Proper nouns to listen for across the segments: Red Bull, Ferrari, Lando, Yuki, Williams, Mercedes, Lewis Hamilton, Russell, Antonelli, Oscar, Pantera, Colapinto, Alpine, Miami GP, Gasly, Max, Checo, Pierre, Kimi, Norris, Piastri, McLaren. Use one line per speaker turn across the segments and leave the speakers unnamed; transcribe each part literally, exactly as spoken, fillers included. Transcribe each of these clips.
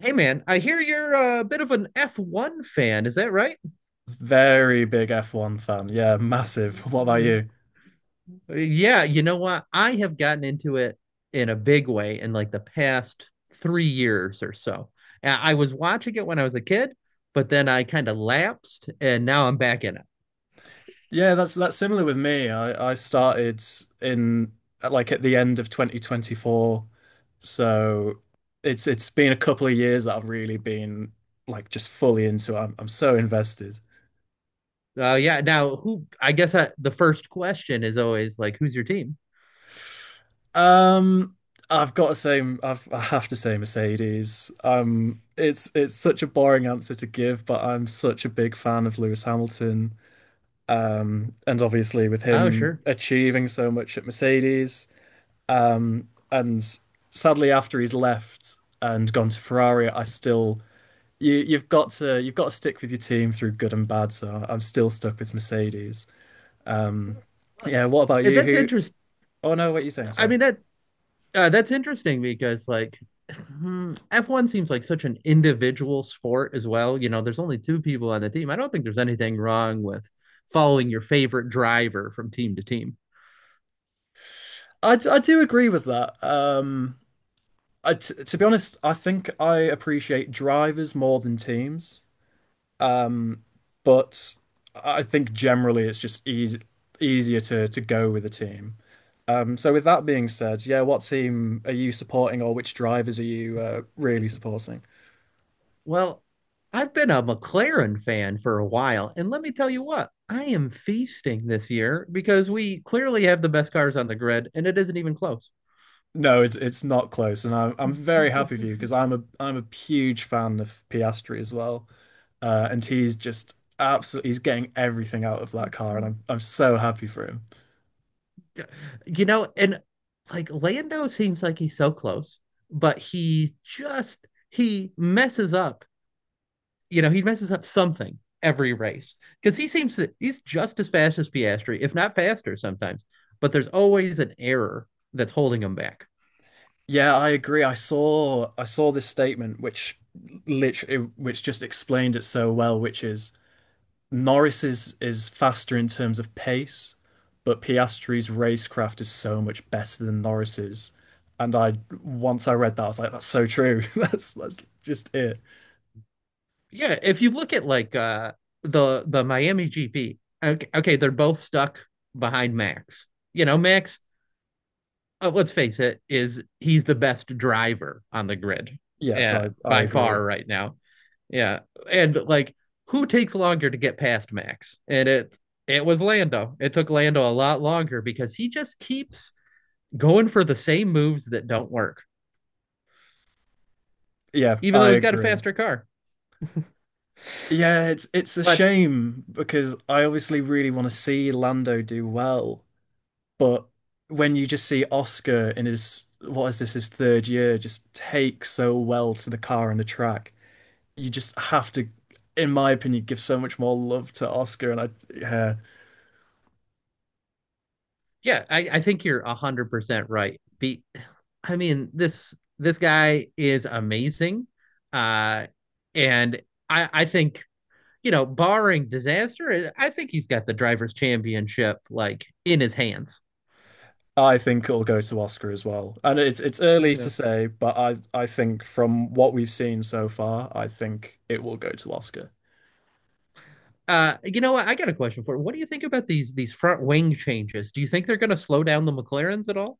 Hey man, I hear you're a bit of an F one fan. Is that right?
Very big F one fan. Yeah, massive. What about
Yeah.
you?
Yeah, you know what? I have gotten into it in a big way in like the past three years or so. Uh, I was watching it when I was a kid, but then I kind of lapsed and now I'm back in it.
Yeah, that's that's similar with me. I I started in like at the end of twenty twenty-four. So it's it's been a couple of years that I've really been like just fully into it. I'm I'm so invested.
Uh, yeah. Now, who, I guess I, the first question is always like, who's your team?
Um I've got to say I've I have to say Mercedes. Um it's it's such a boring answer to give, but I'm such a big fan of Lewis Hamilton. Um, and obviously, with
Oh,
him
sure.
achieving so much at Mercedes, um, and sadly after he's left and gone to Ferrari, I still you you've got to you've got to stick with your team through good and bad. So I'm still stuck with Mercedes. Um,
Uh,
yeah. What about you?
That's
Who?
interesting.
Oh no, what are you saying?
I
Sorry.
mean, that Uh, that's interesting because like hmm, F one seems like such an individual sport as well. You know, there's only two people on the team. I don't think there's anything wrong with following your favorite driver from team to team.
I I do agree with that. Um, I t to be honest, I think I appreciate drivers more than teams. Um, but I think generally it's just easy, easier to to go with a team. Um, so with that being said, yeah, what team are you supporting, or which drivers are you uh, really supporting?
Well, I've been a McLaren fan for a while, and let me tell you what, I am feasting this year because we clearly have the best cars on the grid, and it isn't even close.
No, it's it's not close, and I'm I'm very happy for you because I'm a I'm a huge fan of Piastri as well, uh, and he's just absolutely he's getting everything out of that car, and I'm I'm so happy for him.
You know, and like Lando seems like he's so close, but he just he messes up, you know, he messes up something every race because he seems to, he's just as fast as Piastri, if not faster sometimes, but there's always an error that's holding him back.
Yeah, I agree. I saw I saw this statement which literally which just explained it so well, which is Norris is is faster in terms of pace, but Piastri's racecraft is so much better than Norris's. And I Once I read that, I was like, that's so true. That's that's just it.
Yeah, if you look at like uh the the Miami G P. Okay, okay, they're both stuck behind Max. You know, Max, uh, let's face it, is he's the best driver on the grid,
Yes,
uh,
I I
by
agree.
far right now. Yeah, and like who takes longer to get past Max? And it it was Lando. It took Lando a lot longer because he just keeps going for the same moves that don't work,
Yeah,
even though
I
he's got a
agree.
faster car.
Yeah, it's it's a
But
shame because I obviously really want to see Lando do well, but when you just see Oscar in his what is this his third year just take so well to the car and the track, you just have to, in my opinion, give so much more love to Oscar, and I yeah,
yeah, I, I think you're one hundred percent right. Be I mean, this this guy is amazing, uh, and I I think, you know, barring disaster, I think he's got the drivers' championship like in his hands.
I think it'll go to Oscar as well. And it's it's early to
Yeah.
say, but I I think from what we've seen so far, I think it will go to Oscar.
Uh, you know what? I got a question for you. What do you think about these these front wing changes? Do you think they're going to slow down the McLarens at all?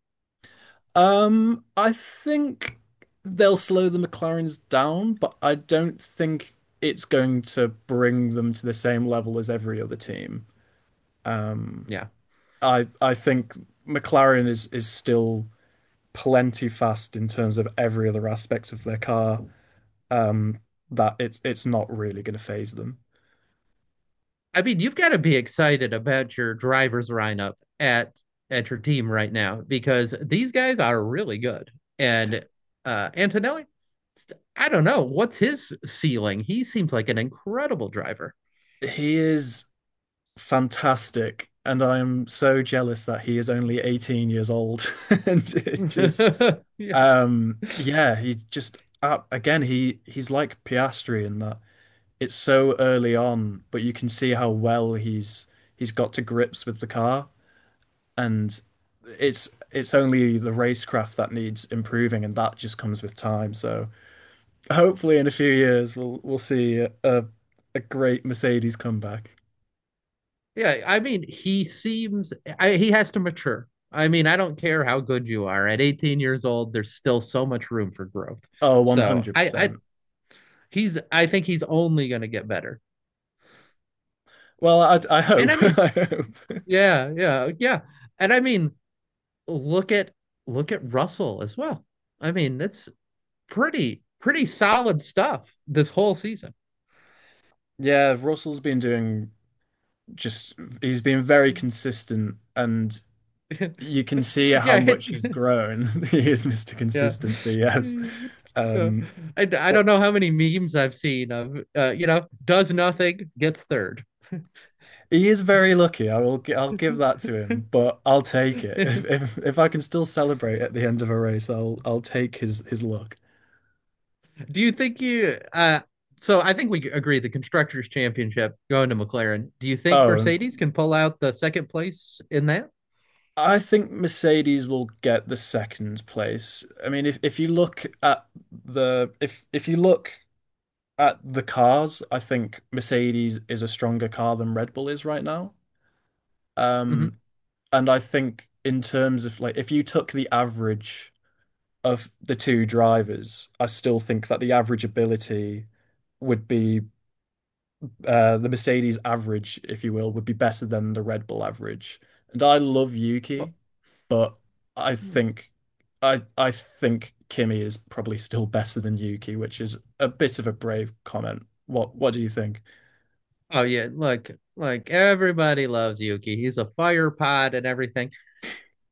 Um, I think they'll slow the McLarens down, but I don't think it's going to bring them to the same level as every other team. Um,
Yeah.
I I think McLaren is is still plenty fast in terms of every other aspect of their car um, that it's it's not really going to phase them.
I mean, you've got to be excited about your driver's lineup at at your team right now because these guys are really good. And uh Antonelli, I don't know, what's his ceiling? He seems like an incredible driver.
He is fantastic, and I am so jealous that he is only eighteen years old. And it just,
You
um, yeah, he just uh, again he he's like Piastri in that it's so early on, but you can see how well he's he's got to grips with the car and it's it's only the racecraft that needs improving, and that just comes with time. So hopefully, in a few years, we'll we'll see a a great Mercedes comeback.
Yeah, I mean, he seems I, he has to mature. I mean, I don't care how good you are. At eighteen years old, there's still so much room for growth.
Oh,
So I, I
one hundred percent.
he's I think he's only going to get better.
Well, I I
And I
hope.
mean,
I hope.
yeah, yeah, yeah. And I mean, look at look at Russell as well. I mean, that's pretty pretty solid stuff this whole season.
Yeah, Russell's been doing just he's been very consistent, and you can see how
Yeah, hit
much he's grown. He is mister
yeah.
Consistency, yes.
Yeah.
Um,
I, I
but
don't know how many memes I've seen of uh, you know, does nothing, gets third.
he is very lucky. I will. gi- I'll give that to him, but I'll take it.
Do
If if if I can still celebrate at the end of a race, I'll I'll take his his luck.
you think you uh so I think we agree the constructors championship going to McLaren. Do you think
Oh,
Mercedes can pull out the second place in that?
I think Mercedes will get the second place. I mean, if if you look at the if if you look at the cars, I think Mercedes is a stronger car than Red Bull is right now.
hmm
Um, and I think in terms of like if you took the average of the two drivers, I still think that the average ability would be uh, the Mercedes average, if you will, would be better than the Red Bull average. And I love Yuki, but I think I I think Kimi is probably still better than Yuki, which is a bit of a brave comment. What what do you think?
Oh yeah, look, like everybody loves Yuki. He's a fire pod and everything.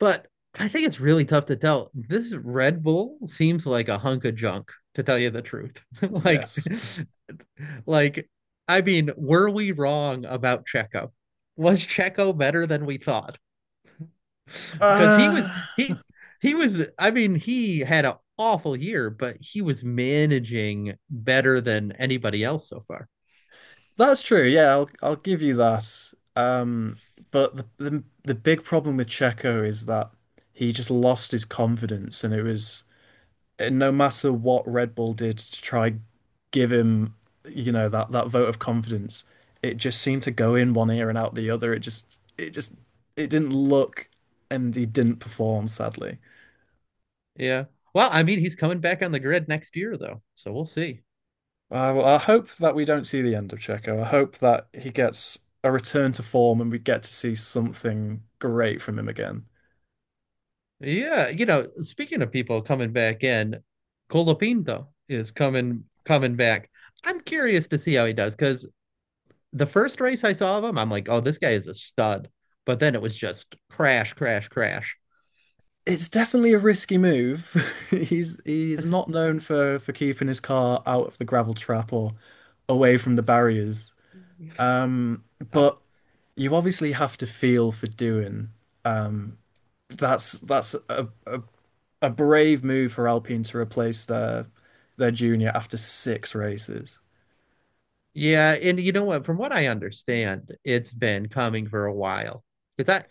But I think it's really tough to tell. This Red Bull seems like a hunk of junk, to tell you the truth. like,
Yes.
like, I mean, were we wrong about Checo? Was Checo better than we thought? Because he was
Uh,
he he was I mean, he had an awful year, but he was managing better than anybody else so far.
that's true. Yeah, I'll I'll give you that. Um, but the, the the big problem with Checo is that he just lost his confidence, and it was and no matter what Red Bull did to try give him, you know, that that vote of confidence, it just seemed to go in one ear and out the other. It just it just it didn't look, and he didn't perform, sadly.
Yeah. Well, I mean, he's coming back on the grid next year though, so we'll see.
Uh, well, I hope that we don't see the end of Checo. I hope that he gets a return to form and we get to see something great from him again.
Yeah, you know, speaking of people coming back in, Colapinto is coming coming back. I'm curious to see how he does because the first race I saw of him, I'm like, oh, this guy is a stud. But then it was just crash, crash, crash.
It's definitely a risky move. He's he's not known for for keeping his car out of the gravel trap or away from the barriers. Um,
Oh,
but you obviously have to feel for doing. Um, that's that's a, a a brave move for Alpine to replace their their junior after six races.
yeah, and you know what? From what I understand, it's been coming for a while. Because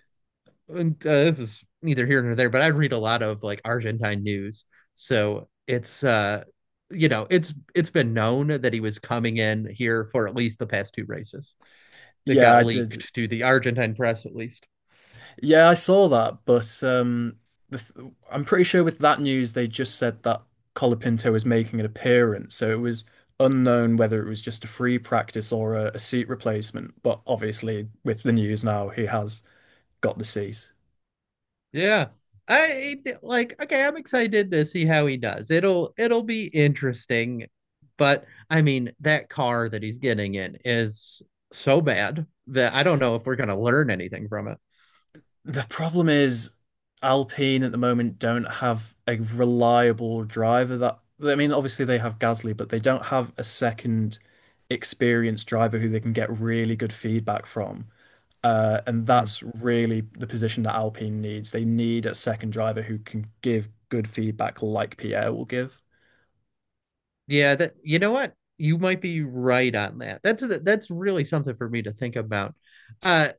and, uh, this is neither here nor there, but I read a lot of like Argentine news. So it's uh You know, it's it's been known that he was coming in here for at least the past two races that
Yeah,
got
I did.
leaked to the Argentine press at least.
Yeah, I saw that, but um, the th I'm pretty sure with that news they just said that Colapinto was making an appearance, so it was unknown whether it was just a free practice or a, a seat replacement. But obviously, with the news now, he has got the seat.
Yeah. I like Okay, I'm excited to see how he does. It'll it'll be interesting, but I mean, that car that he's getting in is so bad that I don't know if we're going to learn anything from it.
The problem is Alpine at the moment don't have a reliable driver that I mean, obviously they have Gasly, but they don't have a second experienced driver who they can get really good feedback from. Uh, and that's really the position that Alpine needs. They need a second driver who can give good feedback like Pierre will give.
Yeah, that you know what? You might be right on that. That's that's really something for me to think about. Uh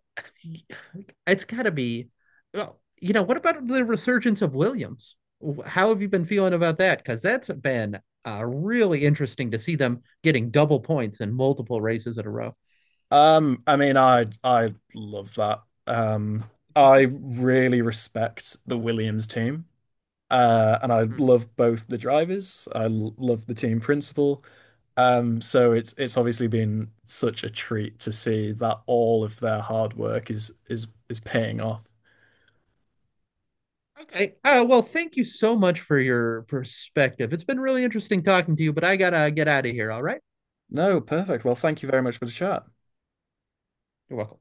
it's got to be well, you know, what about the resurgence of Williams? How have you been feeling about that? Because that's been uh, really interesting to see them getting double points in multiple races in a row.
Um, I mean, I I love that. Um, I really respect the Williams team. Uh, and I
Hmm.
love both the drivers. I l- love the team principle. Um, so it's it's obviously been such a treat to see that all of their hard work is is is paying off.
Okay. Uh, well, thank you so much for your perspective. It's been really interesting talking to you, but I gotta get out of here. All right.
No, perfect. Well, thank you very much for the chat.
You're welcome.